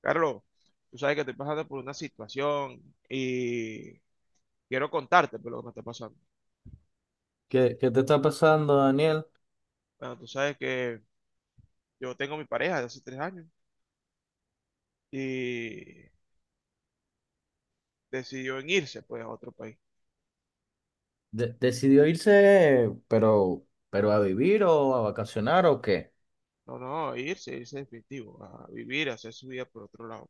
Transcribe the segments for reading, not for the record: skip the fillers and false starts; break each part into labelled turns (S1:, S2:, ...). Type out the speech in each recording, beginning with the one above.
S1: Carlos, tú sabes que estoy pasando por una situación y quiero contarte por lo que me está pasando.
S2: ¿Qué te está pasando, Daniel?
S1: Bueno, tú sabes que yo tengo mi pareja de hace 3 años y decidió en irse pues a otro país.
S2: ¿Decidió irse, pero a vivir o a vacacionar o qué?
S1: No, no, irse, irse definitivo, a vivir, a hacer su vida por otro lado.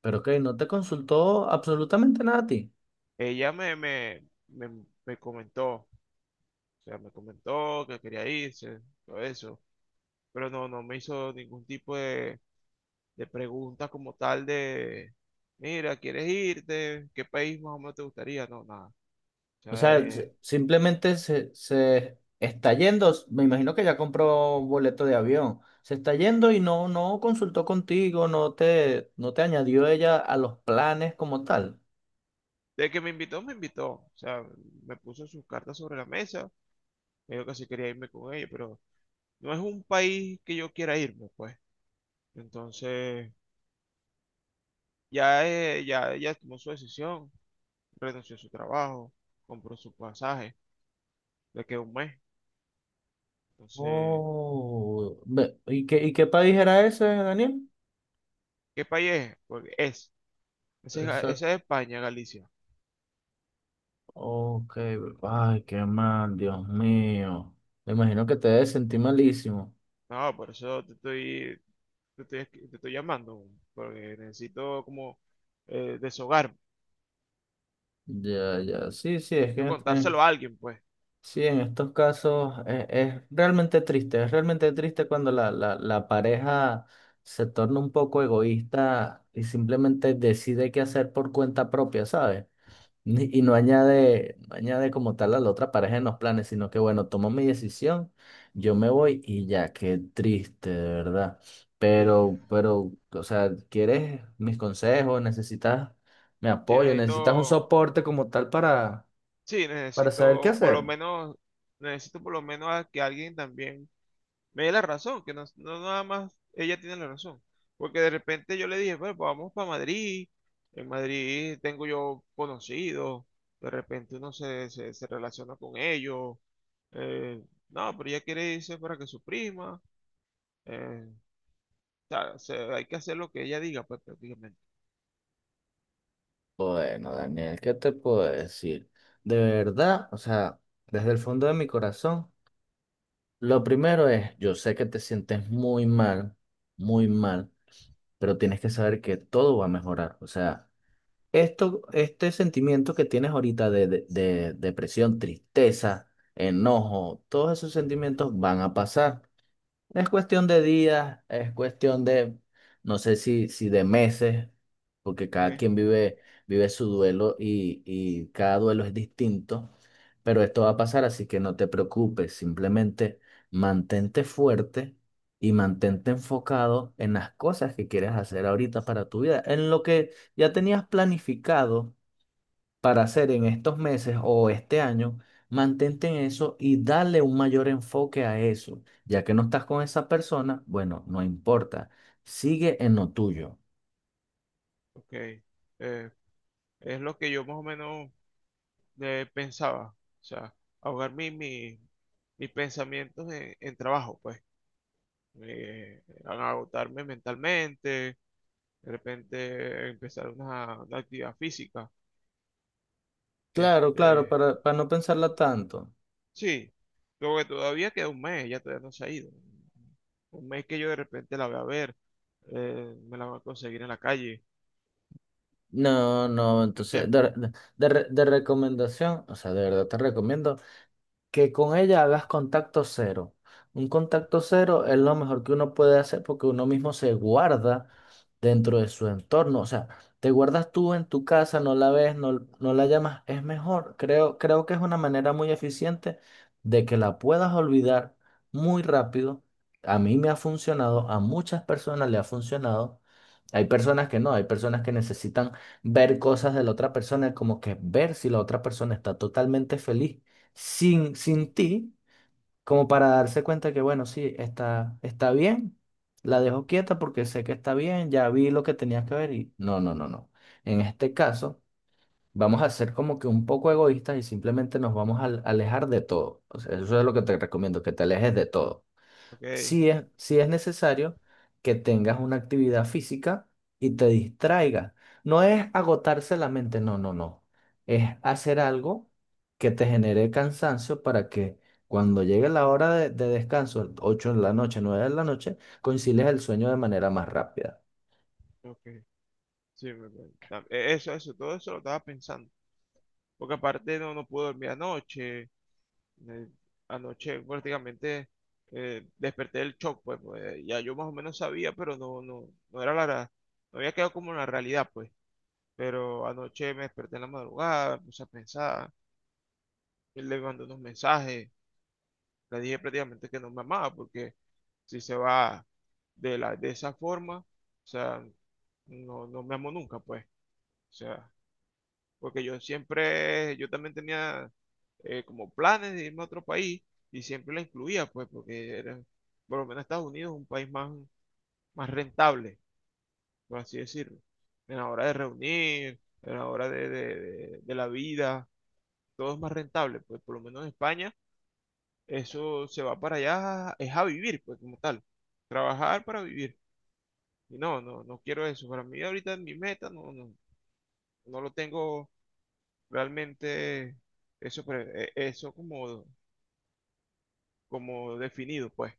S2: Pero que no te consultó absolutamente nada a ti.
S1: Ella me, me, me, me comentó, o sea, me comentó que quería irse, todo eso, pero no, no me hizo ningún tipo de preguntas como tal de, mira, ¿quieres irte? ¿Qué país más o menos te gustaría? No, nada. O
S2: O
S1: sea,
S2: sea, simplemente se está yendo. Me imagino que ya compró boleto de avión. Se está yendo y no consultó contigo, no te añadió ella a los planes como tal.
S1: de que me invitó, me invitó. O sea, me puso sus cartas sobre la mesa. Me dijo que sí quería irme con ella, pero no es un país que yo quiera irme, pues. Entonces, ya, ya ella tomó su decisión, renunció a su trabajo, compró su pasaje, le quedó 1 mes. Entonces,
S2: Oh, ¿y qué país era ese, Daniel?
S1: ¿qué país es? Porque es. Ese es España, Galicia.
S2: Ok, ay, qué mal, Dios mío. Me imagino que te debes sentir malísimo.
S1: No, por eso te estoy, te estoy llamando, porque necesito como deshogar,
S2: Ya, ya, sí, sí, es
S1: necesito
S2: que
S1: contárselo a alguien, pues.
S2: sí, en estos casos es realmente triste cuando la pareja se torna un poco egoísta y simplemente decide qué hacer por cuenta propia, ¿sabes? Y no añade como tal a la otra pareja en los planes, sino que bueno, tomo mi decisión, yo me voy y ya, qué triste, de verdad.
S1: Sí,
S2: Pero, o sea, ¿quieres mis consejos? ¿Necesitas mi
S1: sí,
S2: apoyo? ¿Necesitas un
S1: necesito,
S2: soporte como tal para,
S1: sí,
S2: para saber qué
S1: necesito por lo
S2: hacer?
S1: menos, necesito por lo menos a que alguien también me dé la razón, que no, no nada más ella tiene la razón. Porque de repente yo le dije, bueno, pues vamos para Madrid, en Madrid tengo yo conocidos, de repente uno se relaciona con ellos, eh, no, pero ella quiere irse para que su prima, eh, hay que hacer lo que ella diga, pues prácticamente.
S2: Bueno, Daniel, ¿qué te puedo decir? De verdad, o sea, desde el fondo de mi corazón, lo primero es, yo sé que te sientes muy mal, muy mal. Pero tienes que saber que todo va a mejorar. O sea, este sentimiento que tienes ahorita de depresión, tristeza, enojo, todos esos sentimientos van a pasar. Es cuestión de días, es cuestión de, no sé si de meses, porque cada
S1: ¿Eh?
S2: quien vive su duelo y cada duelo es distinto, pero esto va a pasar, así que no te preocupes, simplemente mantente fuerte y mantente enfocado en las cosas que quieres hacer ahorita para tu vida, en lo que ya tenías planificado para hacer en estos meses o este año, mantente en eso y dale un mayor enfoque a eso. Ya que no estás con esa persona, bueno, no importa, sigue en lo tuyo.
S1: Ok, eh, es lo que yo más o menos pensaba, o sea, ahogar mi- mi- mis pensamientos en trabajo, pues. A agotarme mentalmente, de repente empezar una actividad física.
S2: Claro, claro,
S1: Este,
S2: para no pensarla tanto.
S1: sí, luego que todavía queda 1 mes, ya todavía no se ha ido. 1 mes que yo de repente la voy a ver, me la voy a conseguir en la calle,
S2: No, no,
S1: ¿me
S2: entonces,
S1: entiendes?
S2: de recomendación, o sea, de verdad te recomiendo que con ella hagas contacto cero. Un contacto cero es lo mejor que uno puede hacer porque uno mismo se guarda dentro de su entorno. O sea, te guardas tú en tu casa, no la ves, no la llamas, es mejor. Creo que es una manera muy eficiente de que la puedas olvidar muy rápido. A mí me ha funcionado, a muchas personas le ha funcionado. Hay personas que no, hay personas que necesitan ver cosas de la otra persona, como que ver si la otra persona está totalmente feliz sin ti como para darse cuenta que, bueno, sí, está bien, la dejo quieta porque sé que está bien, ya vi lo que tenía que ver y no, no, no, no. En este caso, vamos a ser como que un poco egoístas y simplemente nos vamos a alejar de todo. O sea, eso es lo que te recomiendo, que te alejes de todo
S1: Ok,
S2: si es, sí es necesario que tengas una actividad física y te distraigas. No es agotarse la mente, no, no, no. Es hacer algo que te genere cansancio para que cuando llegue la hora de descanso, 8 de la noche, 9 de la noche, concilies el sueño de manera más rápida.
S1: ok, sí, eso, eso, todo eso lo estaba pensando, porque aparte no, no pude dormir anoche. Eh, Anoche prácticamente desperté del shock, pues, pues, ya yo más o menos sabía, pero no, no, no había quedado como en la realidad, pues. Pero anoche me desperté en la madrugada, me puse a pensar, él le mandó unos mensajes, le dije prácticamente que no me amaba, porque si se va de esa forma, o sea, no, no me amó nunca, pues. O sea, porque yo siempre, yo también tenía como planes de irme a otro país y siempre la incluía, pues, porque era, por lo menos Estados Unidos es un país más, más rentable, por así decirlo. En la hora de reunir, en la hora de, de la vida, todo es más rentable, pues, por lo menos en España, eso se va para allá, es a vivir, pues, como tal, trabajar para vivir. Y no, no, no quiero eso. Para mí ahorita mi meta no, no, no lo tengo realmente eso, eso como, como definido, pues.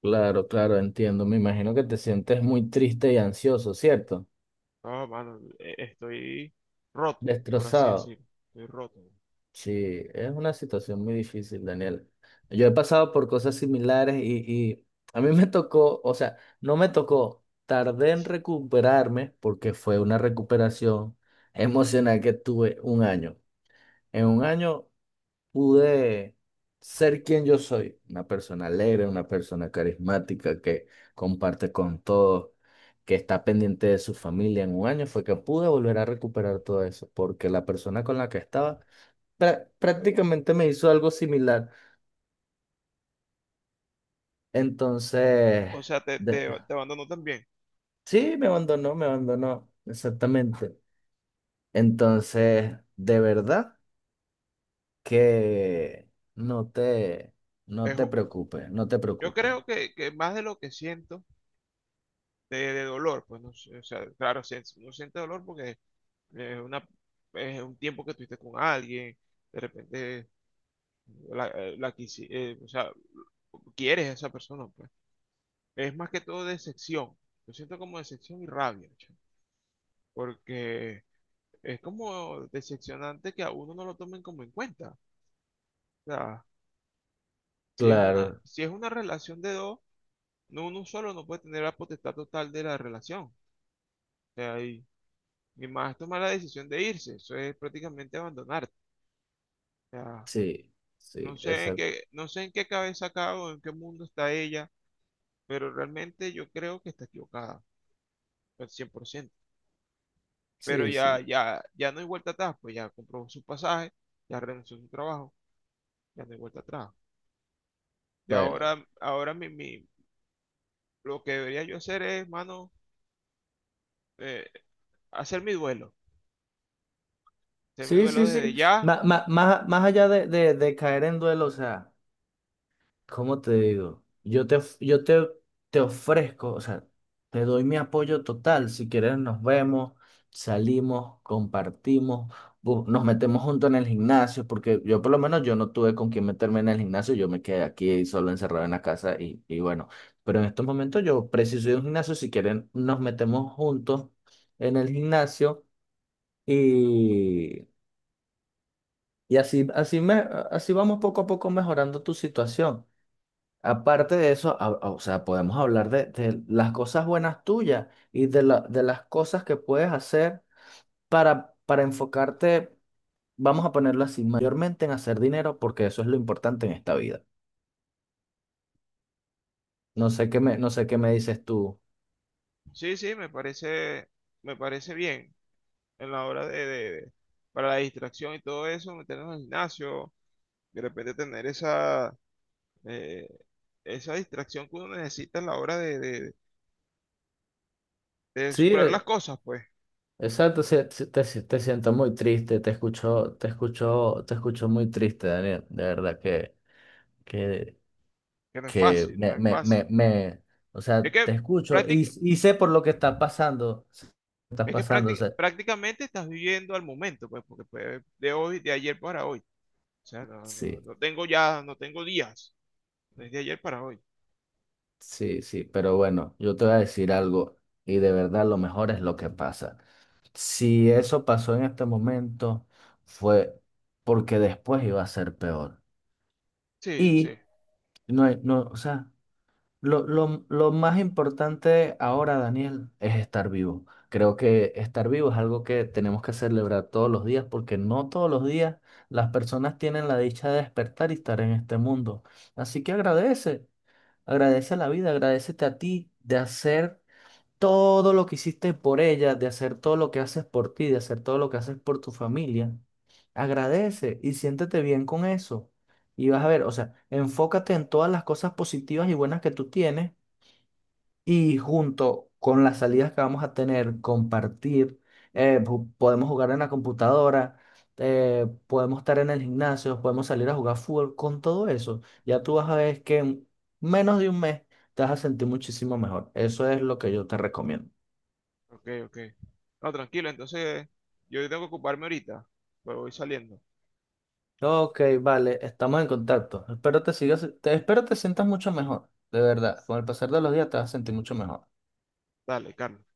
S2: Claro, claro, entiendo. Me imagino que te sientes muy triste y ansioso, ¿cierto?
S1: No, mano, estoy roto, por así
S2: Destrozado.
S1: decirlo. Estoy roto.
S2: Sí, es una situación muy difícil, Daniel. Yo he pasado por cosas similares y a mí me tocó, o sea, no me tocó, tardé en recuperarme porque fue una recuperación emocional que tuve un año. En un año pude ser quien yo soy, una persona alegre, una persona carismática que comparte con todos, que está pendiente de su familia. En un año fue que pude volver a recuperar todo eso porque la persona con la que estaba prácticamente me hizo algo similar. Entonces,
S1: O sea, te,
S2: de-
S1: te,
S2: de-
S1: te abandono también.
S2: sí, me abandonó, exactamente. Entonces, de verdad que no te, no
S1: Es
S2: te
S1: u-
S2: preocupes, no te
S1: yo
S2: preocupes.
S1: creo que más de lo que siento de dolor, pues no sé, o sea, claro, si uno siente dolor porque es una, es un tiempo que estuviste con alguien, de repente o sea, quieres a esa persona, pues. Es más que todo decepción. Yo siento como decepción y rabia, chamo, porque es como decepcionante que a uno no lo tomen como en cuenta. O sea, si es una,
S2: Claro,
S1: si es una relación de dos, no uno solo no puede tener la potestad total de la relación. O sea, y más tomar la decisión de irse, eso es prácticamente abandonarte. O sea,
S2: sí,
S1: no
S2: sí,
S1: sé en
S2: exacto.
S1: qué, no sé en qué cabeza acá o en qué mundo está ella, pero realmente yo creo que está equivocada, al 100%. Pero
S2: Sí,
S1: ya,
S2: sí,
S1: ya, ya no hay vuelta atrás, pues ya compró su pasaje, ya renunció a su trabajo, ya no hay vuelta atrás. Y
S2: bueno.
S1: ahora, lo que debería yo hacer es, mano, eh, hacer mi duelo. Hacer mi
S2: Sí,
S1: duelo
S2: sí,
S1: desde
S2: sí.
S1: ya.
S2: Más allá de caer en duelo, o sea. ¿Cómo te digo? Yo te, of- yo te, te ofrezco, o sea, te doy mi apoyo total. Si quieres, nos vemos, salimos, compartimos, nos metemos juntos en el gimnasio, porque yo por lo menos yo no tuve con quién meterme en el gimnasio, yo me quedé aquí solo encerrado en la casa y bueno, pero en estos momentos yo preciso de un gimnasio, si quieren, nos metemos juntos en el gimnasio y, y así vamos poco a poco mejorando tu situación. Aparte de eso, o sea, podemos hablar de las cosas buenas tuyas y de las cosas que puedes hacer para enfocarte, vamos a ponerlo así, mayormente en hacer dinero, porque eso es lo importante en esta vida. No sé qué me dices tú.
S1: Sí, sí, me parece bien en la hora de, para la distracción y todo eso, meternos al gimnasio, de repente tener esa, eh, esa distracción que uno necesita en la hora de, de
S2: Sí,
S1: superar las cosas, pues,
S2: exacto, sí, sí, te, si- te siento muy triste, te escucho, te escucho, te escucho muy triste, Daniel. De verdad que
S1: que no es
S2: que
S1: fácil, no es fácil.
S2: o
S1: Es
S2: sea,
S1: que,
S2: te escucho y,
S1: práctic-
S2: y sé por lo que estás pasando, sé lo que estás pasando, o sea,
S1: prácticamente estás viviendo al momento, pues, porque fue de hoy, de ayer para hoy. O sea, no, no,
S2: sí,
S1: no tengo ya, no tengo días, desde ayer para hoy.
S2: sí, sí, pero bueno, yo te voy a decir algo y de verdad lo mejor es lo que pasa. Si eso pasó en este momento, fue porque después iba a ser peor.
S1: Sí, sí.
S2: Y no hay, no, o sea, lo más importante ahora, Daniel, es estar vivo. Creo que estar vivo es algo que tenemos que celebrar todos los días porque no todos los días las personas tienen la dicha de despertar y estar en este mundo. Así que agradece, agradece la vida, agradecete a ti de hacer todo lo que hiciste por ella, de hacer todo lo que haces por ti, de hacer todo lo que haces por tu familia. Agradece y siéntete bien con eso. Y vas a ver, o sea, enfócate en todas las cosas positivas y buenas que tú tienes y junto con las salidas que vamos a tener, compartir, podemos jugar en la computadora, podemos estar en el gimnasio, podemos salir a jugar fútbol, con todo eso, ya tú vas a ver que en menos de un mes te vas a sentir muchísimo mejor. Eso es lo que yo te recomiendo.
S1: Ok, ok. No, tranquilo, entonces yo tengo que ocuparme ahorita, pero voy saliendo.
S2: Ok, vale, estamos en contacto. Espero te sientas mucho mejor, de verdad. Con el pasar de los días te vas a sentir mucho mejor.
S1: Dale, Carlos.